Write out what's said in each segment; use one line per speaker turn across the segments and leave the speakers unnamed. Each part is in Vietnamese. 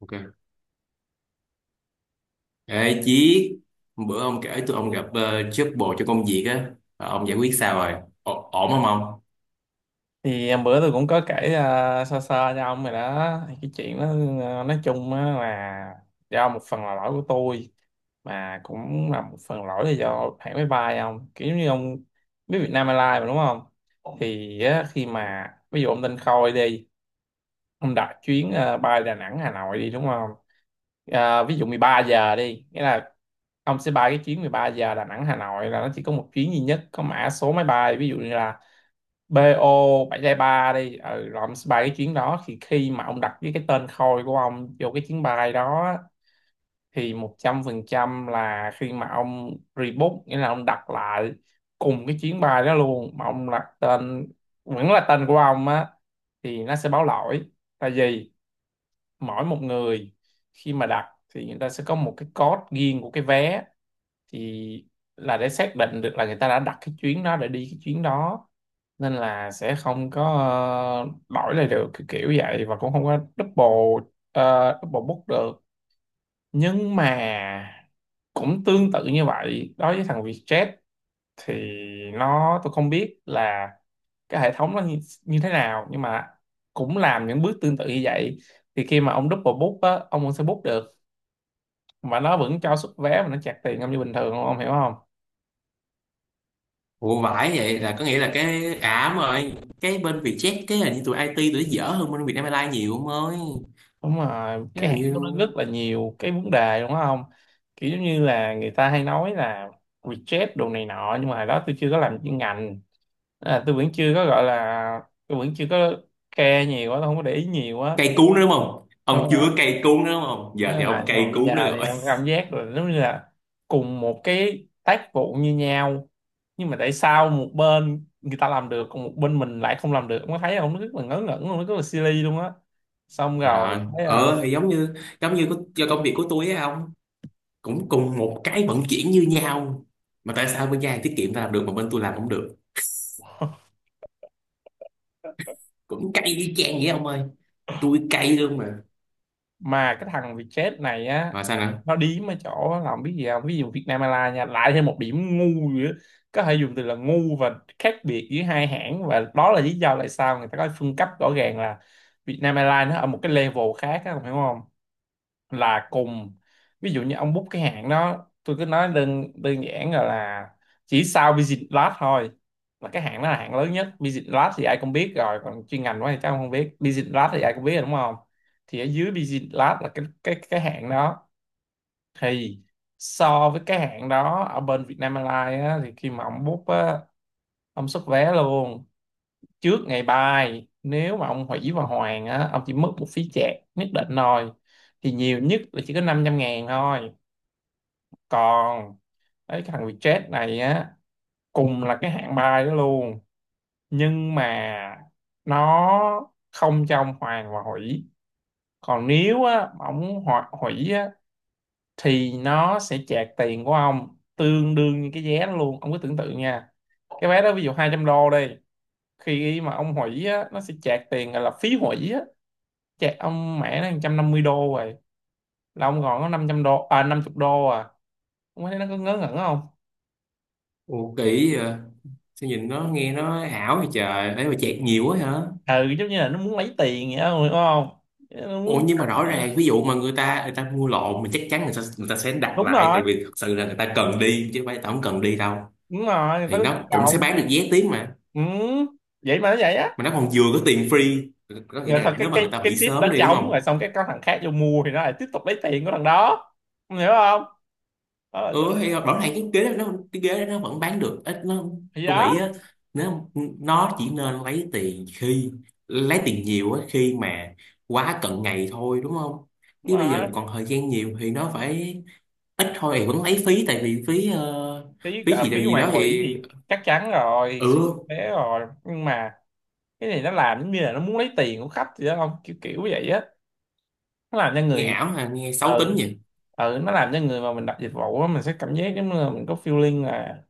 Ok. Ê Chí, bữa ông kể tụi ông gặp job bồ cho công việc á, ờ, ông giải quyết sao rồi? Ổn không ông?
Thì em bữa tôi cũng có kể sơ sơ cho ông rồi đó. Thì cái chuyện đó, nói chung á là do một phần là lỗi của tôi, mà cũng là một phần lỗi là do hãng máy bay. Ông kiểu như ông biết Vietnam Airlines mà, đúng không? Thì á, khi mà ví dụ ông tên Khôi đi, ông đặt chuyến bay Đà Nẵng Hà Nội đi, đúng không? Ờ, ví dụ 13 giờ đi nghĩa là ông sẽ bay cái chuyến 13 giờ Đà Nẵng Hà Nội, là nó chỉ có một chuyến duy nhất, có mã số máy bay ví dụ như là BO 7 giai 3 đi. Ừ, rồi ông sẽ bay cái chuyến đó. Thì khi mà ông đặt với cái tên Khôi của ông vô cái chuyến bay đó á, thì 100% là khi mà ông rebook, nghĩa là ông đặt lại cùng cái chuyến bay đó luôn mà ông đặt tên vẫn là tên của ông á, thì nó sẽ báo lỗi. Tại vì mỗi một người khi mà đặt thì người ta sẽ có một cái code riêng của cái vé, thì là để xác định được là người ta đã đặt cái chuyến đó để đi cái chuyến đó. Nên là sẽ không có đổi lại được, kiểu kiểu vậy, và cũng không có double double book được. Nhưng mà cũng tương tự như vậy đối với thằng Vietjet, thì nó, tôi không biết là cái hệ thống nó như thế nào, nhưng mà cũng làm những bước tương tự như vậy. Thì khi mà ông double book á, ông vẫn sẽ book được, mà nó vẫn cho xuất vé, mà nó chặt tiền ông như bình thường, ông hiểu không?
Ủa vãi, vậy là có nghĩa là cái ảm rồi, cái bên Vietjet cái hình như tụi IT tụi nó dở hơn bên Vietnam Airlines nhiều ông ơi.
Đúng rồi,
Cái
cái
là
hãng của nó
như
rất là nhiều cái vấn đề, đúng không? Kiểu giống như là người ta hay nói là reject đồ này nọ, nhưng mà hồi đó tôi chưa có làm chuyên ngành. À, tôi vẫn chưa có gọi là, tôi vẫn chưa có care nhiều á, tôi không có để ý nhiều á.
cây cú nữa đúng không? Ông
Đúng rồi,
chưa cây cú nữa đúng không? Giờ thì
đúng rồi,
ông
nhưng mà
cây
bây
cú nữa
giờ thì
rồi.
em cảm giác rồi, giống như là cùng một cái tác vụ như nhau, nhưng mà tại sao một bên người ta làm được còn một bên mình lại không làm được, ông có thấy không? Nó rất là ngớ ngẩn luôn, nó rất là silly luôn á. Xong rồi.
Rồi, ờ thì giống như do công việc của tôi á ông, cũng cùng một cái vận chuyển như nhau. Mà tại sao bên nhà hàng tiết kiệm ta làm được mà bên tôi làm không được? Cũng cay y chang vậy ông ơi, tôi cay luôn mà.
Mà cái thằng Vietjet này á,
Rồi sao nữa?
nó điếm ở chỗ làm biết gì không, ví dụ Vietnam Airlines nha, lại thêm một điểm ngu nữa. Có thể dùng từ là ngu và khác biệt giữa hai hãng, và đó là lý do tại sao người ta có phân cấp rõ ràng là Vietnam Airlines nó ở một cái level khác á, ông hiểu không? Là cùng ví dụ như ông book cái hãng đó, tôi cứ nói đơn đơn giản là chỉ sau Visit Lab thôi, là cái hãng đó là hãng lớn nhất. Visit Lab thì ai cũng biết rồi, còn chuyên ngành quá thì chắc ông không biết, Visit Lab thì ai cũng biết rồi đúng không. Thì ở dưới Visit Lab là cái hãng đó. Thì so với cái hãng đó ở bên Vietnam Airlines á, thì khi mà ông book á, ông xuất vé luôn trước ngày bài, nếu mà ông hủy và hoàn á, ông chỉ mất một phí chạc nhất định thôi, thì nhiều nhất là chỉ có 500 ngàn thôi. Còn đấy, cái thằng Vietjet này á, cùng là cái hạng bài đó luôn, nhưng mà nó không trong hoàn và hủy. Còn nếu á mà ông hủy á, thì nó sẽ chạc tiền của ông tương đương như cái vé đó luôn, ông cứ tưởng tượng nha. Cái vé đó ví dụ 200 đô đi, khi mà ông hủy á nó sẽ chạc tiền gọi là phí hủy á, chạy ông mẹ nó 150 đô rồi, là ông còn có 500 đô, à 50 đô à. Ông thấy nó có ngớ ngẩn không?
Ồ kỳ vậy? Sao nhìn nó nghe nó ảo vậy trời, ấy mà chẹt nhiều quá hả?
Ừ, giống như là nó muốn lấy tiền vậy đó, đúng không? Nó
Ồ,
muốn.
nhưng mà rõ ràng ví dụ mà người ta mua lộn mình chắc chắn người ta sẽ đặt
Đúng
lại,
rồi,
tại vì thật sự là người ta cần đi chứ không phải người ta không cần đi đâu.
đúng rồi, người
Thì
ta có nhu
nó cũng sẽ
cầu.
bán được vé tiếng mà.
Ừ. Vậy mà nó vậy á.
Mà nó còn vừa có tiền free, có nghĩa
Rồi thật,
là
cái
nếu mà người
cái
ta
cái
hủy
ship đó
sớm đi đúng
trống rồi,
không.
xong cái có thằng khác vô mua thì nó lại tiếp tục lấy tiền của thằng đó. Ông hiểu không? Đó là tôi nói.
Ừ, thì rõ ràng cái ghế đó nó vẫn bán được ít nó.
Thì
Tôi
đó.
nghĩ á, nếu nó chỉ nên lấy tiền khi lấy tiền nhiều á, khi mà quá cận ngày thôi đúng không.
Đúng
Chứ bây giờ
rồi,
còn thời gian nhiều thì nó phải ít thôi, thì vẫn lấy phí, tại vì phí
phí
phí
cả
gì đây
phí
gì
hoàn
đó
hủy
thì
thì chắc chắn rồi, suy
ừ.
tế rồi. Nhưng mà cái này nó làm giống như là nó muốn lấy tiền của khách vậy đó, không kiểu kiểu vậy á. Nó làm cho
Nghe
người,
ảo hả, nghe xấu
ờ
tính vậy.
ừ, nó làm cho người mà mình đặt dịch vụ á, mình sẽ cảm giác giống như là mình có feeling là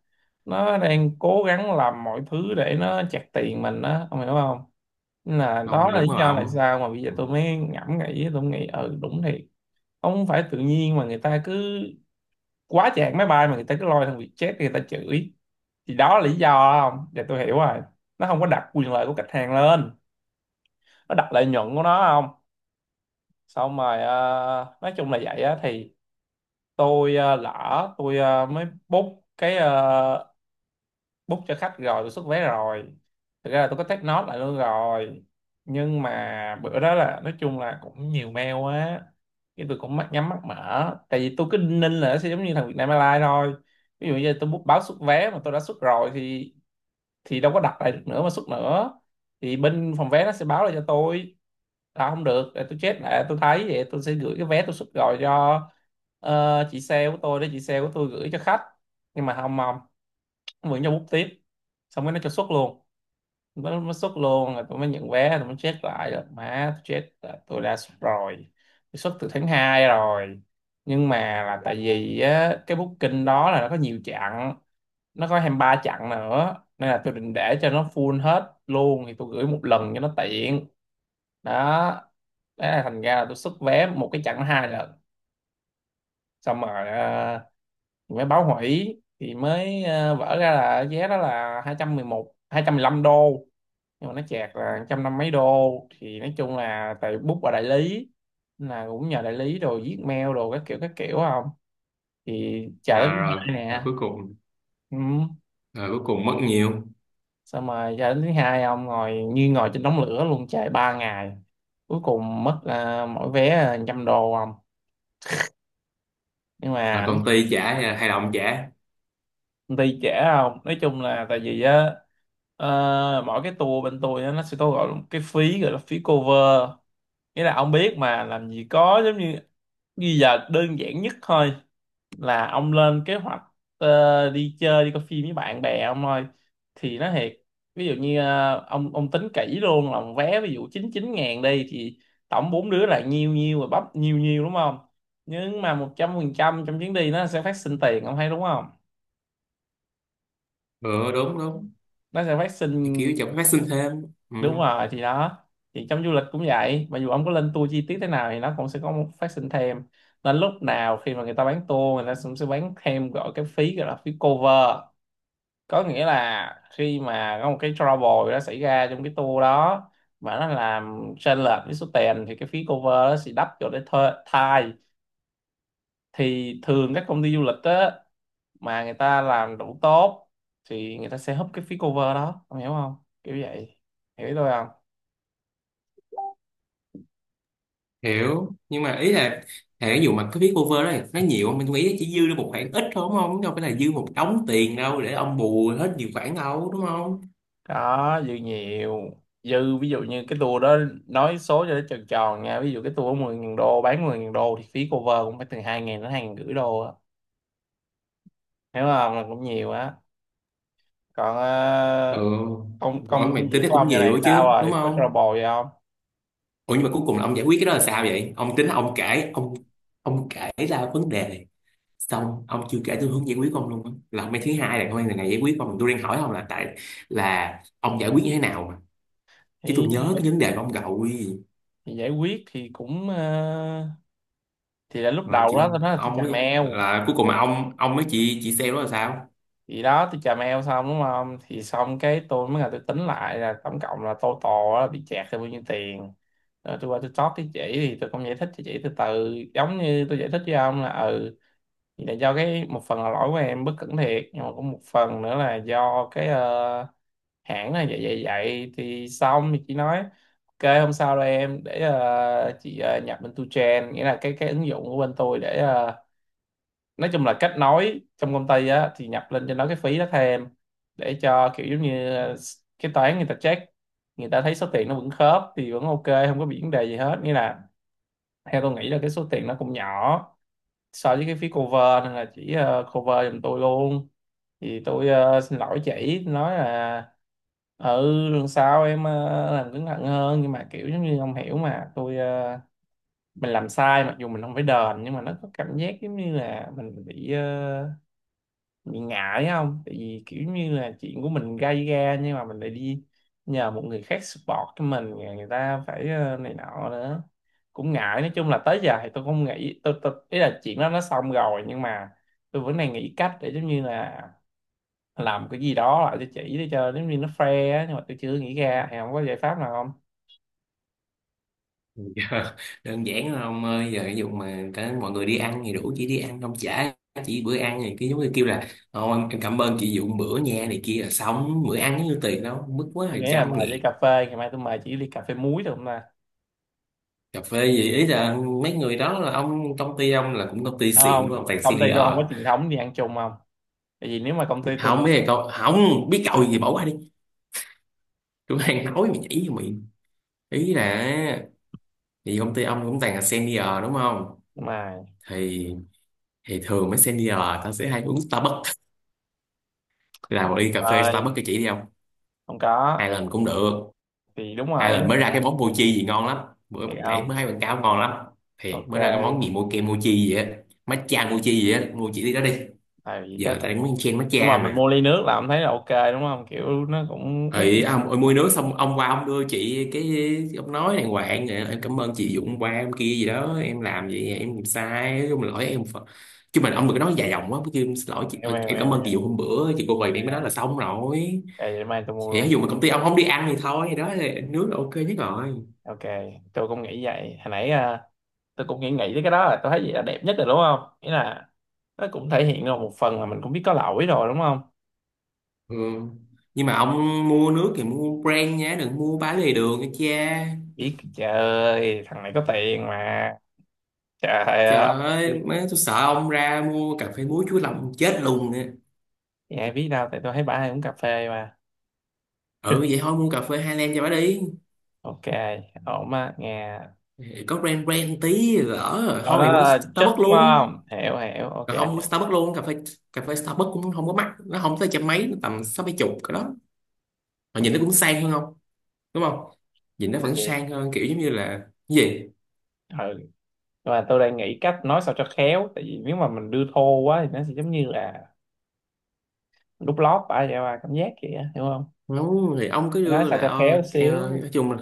nó đang cố gắng làm mọi thứ để nó chặt tiền mình á, ông hiểu không? Nên là
Không,
đó
mà
là
đúng
lý
rồi
do tại
ông.
sao mà bây giờ
Ừ.
tôi mới ngẫm nghĩ, tôi nghĩ ừ đúng thiệt, không phải tự nhiên mà người ta cứ quá chạc máy bay mà người ta cứ lôi thằng Vietjet người ta chửi. Thì đó là lý do đó, không để tôi hiểu rồi, nó không có đặt quyền lợi của khách hàng lên, nó đặt lợi nhuận của nó. Không, xong rồi. Ờ, nói chung là vậy á, thì tôi lỡ tôi mới book cái book cho khách rồi, tôi xuất vé rồi. Thực ra là tôi có take note lại luôn rồi, nhưng mà bữa đó là nói chung là cũng nhiều mail quá, cái tôi cũng mắt nhắm mắt mở. Tại vì tôi cứ đinh ninh là nó sẽ giống như thằng Vietnam Airlines thôi, ví dụ như tôi book báo xuất vé mà tôi đã xuất rồi thì đâu có đặt lại được nữa mà xuất nữa, thì bên phòng vé nó sẽ báo lại cho tôi là không được, để tôi chết lại. Tôi thấy vậy tôi sẽ gửi cái vé tôi xuất, gọi cho chị sale của tôi để chị sale của tôi gửi cho khách. Nhưng mà không mong, vẫn cho bút tiếp, xong cái nó cho xuất luôn. Nó xuất luôn, rồi tôi mới nhận vé, tôi mới check lại rồi, má tôi chết là tôi đã xuất rồi. Tôi xuất từ tháng 2 rồi. Nhưng mà là tại vì á, cái booking đó là nó có nhiều chặng, nó có 23 chặng nữa, nên là tôi định để cho nó full hết luôn thì tôi gửi một lần cho nó tiện. Đó. Thế là thành ra là tôi xuất vé một cái chặng hai lần. Xong rồi mới báo hủy thì mới vỡ ra là vé đó là hai hai trăm trăm mười một hai trăm mười lăm đô, nhưng mà nó chẹt là một trăm năm mấy đô. Thì nói chung là tại book ở đại lý, nên là cũng nhờ đại lý rồi viết mail đồ các kiểu các kiểu, không thì chờ tới
À,
thứ
rồi,
hai
rồi
nè.
cuối cùng,
Ừ.
rồi cuối cùng mất nhiều.
Xong rồi cho đến thứ hai ông ngồi như ngồi trên đống lửa luôn, chạy 3 ngày, cuối cùng mất à, mỗi vé trăm đô không. Nhưng
Rồi
mà
công ty trả hay là đồng trả?
công ty trễ không, nói chung là tại vì á, ờ, mỗi cái tour bên tôi á, nó sẽ có gọi là một cái phí gọi là phí cover. Nghĩa là ông biết mà, làm gì có giống như, bây giờ đơn giản nhất thôi là ông lên kế hoạch đi chơi, đi coi phim với bạn bè ông ơi, thì nó thiệt, ví dụ như ông tính kỹ luôn là một vé ví dụ 99 ngàn đi, thì tổng bốn đứa là nhiêu nhiêu, rồi bắp nhiêu nhiêu đúng không. Nhưng mà 100% trong chuyến đi nó sẽ phát sinh tiền, ông thấy đúng không?
Ừ, đúng đúng.
Nó sẽ phát
Thì kiểu
sinh.
chẳng phát sinh thêm, ừ.
Đúng rồi, thì đó, thì trong du lịch cũng vậy, mặc dù ông có lên tour chi tiết thế nào thì nó cũng sẽ có một phát sinh thêm. Nên lúc nào khi mà người ta bán tour người ta cũng sẽ bán thêm gọi cái phí gọi là phí cover, có nghĩa là khi mà có một cái trouble đó xảy ra trong cái tour đó mà nó làm chênh lệch với số tiền thì cái phí cover đó sẽ đắp cho để thuê thai. Thì thường các công ty du lịch á, mà người ta làm đủ tốt, thì người ta sẽ húp cái phí cover đó, ông hiểu không? Kiểu vậy. Hiểu ý tôi không?
Hiểu, nhưng mà ý là thể dụ mà cái phí cover đó nó nhiều không? Mình nghĩ chỉ dư được một khoản ít thôi đúng không, đâu phải là dư một đống tiền đâu để ông bù hết nhiều khoản đâu đúng không.
Có dư nhiều. Dư ví dụ như cái tour đó, nói số cho nó tròn tròn nha, ví dụ cái tour 10.000 đô bán 10.000 đô thì phí cover cũng phải từ 2.000 đến 2.500 đô á. Hiểu không là cũng nhiều á. Còn
Ừ,
công công
rồi
công
mày tính
việc
nó
của
cũng
ông giờ
nhiều
này
ấy
sao
chứ đúng
rồi, có
không.
trouble gì không?
Ủa nhưng mà cuối cùng là ông giải quyết cái đó là sao vậy? Ông tính ông kể ông kể ra vấn đề xong ông chưa kể tôi hướng giải quyết ông luôn á, là ông mấy thứ hai là ông này này giải quyết ông, tôi đang hỏi ông là tại là ông giải quyết như thế nào mà, chứ tôi
thì,
nhớ cái vấn đề của ông rồi.
thì giải quyết thì cũng thì là lúc
Ờ,
đầu đó
chị,
tôi nói là tôi
ông
chà
ấy
mèo.
là cuối cùng mà ông với chị sale đó là sao?
Thì đó tôi chà mèo xong đúng không, thì xong cái tôi mới là tôi tính lại là tổng cộng là total là bị chẹt là bao nhiêu tiền. Rồi tôi qua tôi talk với chị, thì tôi cũng giải thích cho chị từ từ giống như tôi giải thích với ông là ừ, thì là do cái một phần là lỗi của em bất cẩn thiệt, nhưng mà cũng một phần nữa là do cái hãng là vậy vậy vậy. Thì xong thì chị nói ok, hôm sau đây em để chị nhập bên tu Tuchen, nghĩa là cái ứng dụng của bên tôi để nói chung là kết nối trong công ty á, thì nhập lên cho nó cái phí đó thêm để cho kiểu giống như cái toán người ta check, người ta thấy số tiền nó vẫn khớp thì vẫn ok, không có bị vấn đề gì hết. Nghĩa là theo tôi nghĩ là cái số tiền nó cũng nhỏ so với cái phía cover nên là chỉ cover giùm tôi luôn. Thì tôi xin lỗi chị nói là ừ, lần sau em làm cẩn thận hơn. Nhưng mà kiểu giống như ông hiểu mà, tôi mình làm sai mặc dù mình không phải đền, nhưng mà nó có cảm giác giống như là mình bị bị ngại không, tại vì kiểu như là chuyện của mình gây ra nhưng mà mình lại đi nhờ một người khác support cho mình, rồi người ta phải này nọ nữa, cũng ngại. Nói chung là tới giờ thì tôi không nghĩ tôi ý là chuyện đó nó xong rồi, nhưng mà tôi vẫn đang nghĩ cách để giống như là làm cái gì đó lại cho chị để cho giống như nó fair á, nhưng mà tôi chưa nghĩ ra. Thì không có giải pháp nào không?
Dạ, đơn giản là ông ơi, giờ ví dụ mà cả mọi người đi ăn thì đủ chị đi ăn ông trả chị bữa ăn, thì cái giống như kêu là "Ô, em cảm ơn chị dụng bữa nha này kia", là xong, bữa ăn như tiền đâu mức quá là
Tôi nghĩ là
trăm
mời với
nghìn.
cà phê, ngày mai tôi mời chị ly cà phê muối được không ta?
Cà phê gì, ý là mấy người đó là ông công ty ông là cũng công ty
Đúng
xịn
không,
đúng không, toàn
công ty
senior.
tôi không có truyền thống đi ăn chung không, tại vì nếu mà công ty tôi đi
Không biết là cậu, không biết cậu gì bỏ qua đi, tôi đang nói mà nhảy vô miệng. Ý là thì công ty ông cũng toàn là senior đúng không,
mà
thì thì thường mấy senior tao sẽ hay uống Starbucks, là một
không
ly cà phê
ơi
Starbucks cho chị đi không.
không có
Hai lần cũng được,
thì đúng
hai lần
rồi
mới ra cái món mochi gì ngon lắm, bữa
thì
nãy
không
mới hay quảng cáo ngon lắm. Thiệt
ok.
mới ra cái món gì mochi mochi gì á, matcha mochi gì á, mua chị đi đó đi.
Tại
Giờ
chắc
tao đang muốn chen
nhưng mà
matcha
mình
mà.
mua ly nước là ông thấy là ok đúng không, kiểu nó cũng nó
Ấy ông ơi, mua nước xong ông qua ông đưa chị cái ông nói đàng hoàng "Ờ, em cảm ơn chị Dũng qua em kia gì đó, em làm vậy em làm sai nói chung là lỗi em phật". Chứ mình ông đừng có nói dài dòng quá, chứ "Em xin lỗi chị,
eo
ờ,
eo
em
eo
cảm ơn chị
eo.
Dũng hôm bữa chị cô
À,
quầy
ok,
em", mới nói là xong rồi.
để mai tôi mua
Thì ví
luôn.
dụ mà công ty ông không đi ăn thì thôi thì đó là nước là ok nhất rồi.
Ok, tôi cũng nghĩ vậy hồi nãy. À, tôi cũng nghĩ nghĩ tới cái đó, là tôi thấy gì là đẹp nhất rồi đúng không, nghĩa là nó cũng thể hiện được một phần là mình cũng biết có lỗi rồi đúng không.
Ừ. Nhưng mà ông mua nước thì mua brand nhé, đừng mua bán lề đường nha cha.
Biết trời ơi, thằng này có tiền mà. Trời ơi.
Trời ơi, mấy tôi sợ ông ra mua cà phê muối chuối lòng chết luôn nè.
Thì ai biết đâu, tại tôi thấy bả hay uống cà phê mà.
Ừ vậy thôi mua cà phê Highland cho bà đi.
Ok, ổn á nghe.
Có brand brand tí, lỡ rồi
Đó
thôi mày mua cái
là chích
Starbucks
đúng
luôn.
không? Hiểu hiểu, ok.
Còn không mua Starbucks luôn, cà phê, cà phê Starbucks cũng không có mắc, nó không tới trăm mấy, nó tầm sáu mấy chục cái đó. Mà nhìn nó cũng sang hơn không, đúng không? Nhìn nó
Mà
vẫn
vậy,
sang hơn, kiểu giống như là, cái gì?
ừ. Và tôi đang nghĩ cách nói sao cho khéo, tại vì nếu mà mình đưa thô quá thì nó sẽ giống như là đút lót bả vậy mà cảm giác kìa, hiểu không?
Đúng, thì ông cứ
Phải nói
đưa
sao
là
cho khéo xíu.
nói chung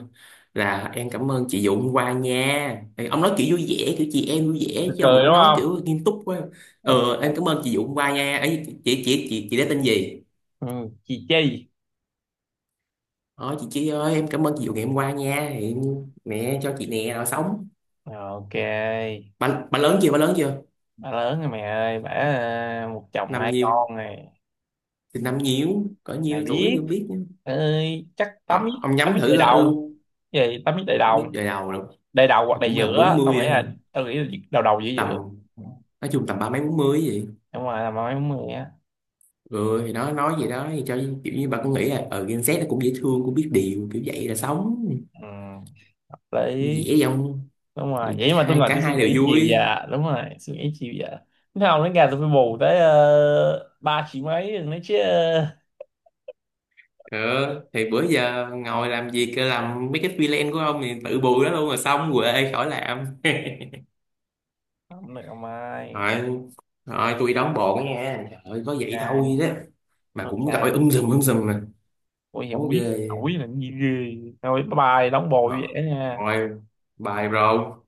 là em cảm ơn chị Dụ hôm qua nha. Thì ông nói kiểu vui vẻ, kiểu chị em vui vẻ
Cười
chứ ông
cười
đừng
đúng
nói
không?
kiểu nghiêm túc quá.
Ok.
Ờ em cảm ơn chị Dụ hôm qua nha, ấy chị đã tên gì.
Ừ, chị Chi.
Ờ chị ơi em cảm ơn chị Dụ ngày hôm qua nha, thì mẹ cho chị nè rồi sống.
Ok.
Bà lớn chưa, bà lớn chưa?
Bà lớn rồi mẹ ơi, bà à, một chồng
Năm
hai
nhiêu,
con này,
thì năm nhiêu cỡ
mày
nhiêu tuổi thì
biết.
không biết nữa.
Ơi, chắc
Ờ, ông
tắm
nhắm
ít
thử
đầy
ra
đầu.
u,
Gì, tắm ít đầy
biết
đầu.
đời đầu rồi,
Đầy đầu hoặc đầy
cũng gần
giữa,
40 rồi ha.
tao nghĩ là đầu đầu giữa
Tầm,
giữa
nói chung tầm ba mấy bốn mươi gì.
đúng rồi là mấy mười á.
Ừ thì nó nói gì đó thì cho kiểu như bà cũng nghĩ là ở Gen Z nó cũng dễ thương cũng biết điều kiểu vậy là sống
Ừ, hợp lý.
dễ dòng.
Đúng rồi, vậy mà tôi
Hai
ngồi
cả
tôi suy
hai
nghĩ
đều
chiều
vui.
già, đúng rồi, suy nghĩ chiều già thế không đến gà tôi phải bù tới 3 triệu mấy nữa chứ.
Ờ thì bữa giờ ngồi làm việc làm mấy cái freelance của ông thì tự bù đó luôn rồi xong quệ khỏi làm.
Không được ông ơi.
Rồi, rồi tôi đóng bộ nha, trời ơi, có vậy thôi
Ok.
đó. Mà cũng gọi
Ok,
sùm sùm mà
ủa vậy không
khổ
biết
ghê.
hỏi là cái gì ghê. Thôi bye bye, đóng bồ vậy nha.
Rồi, bài bro.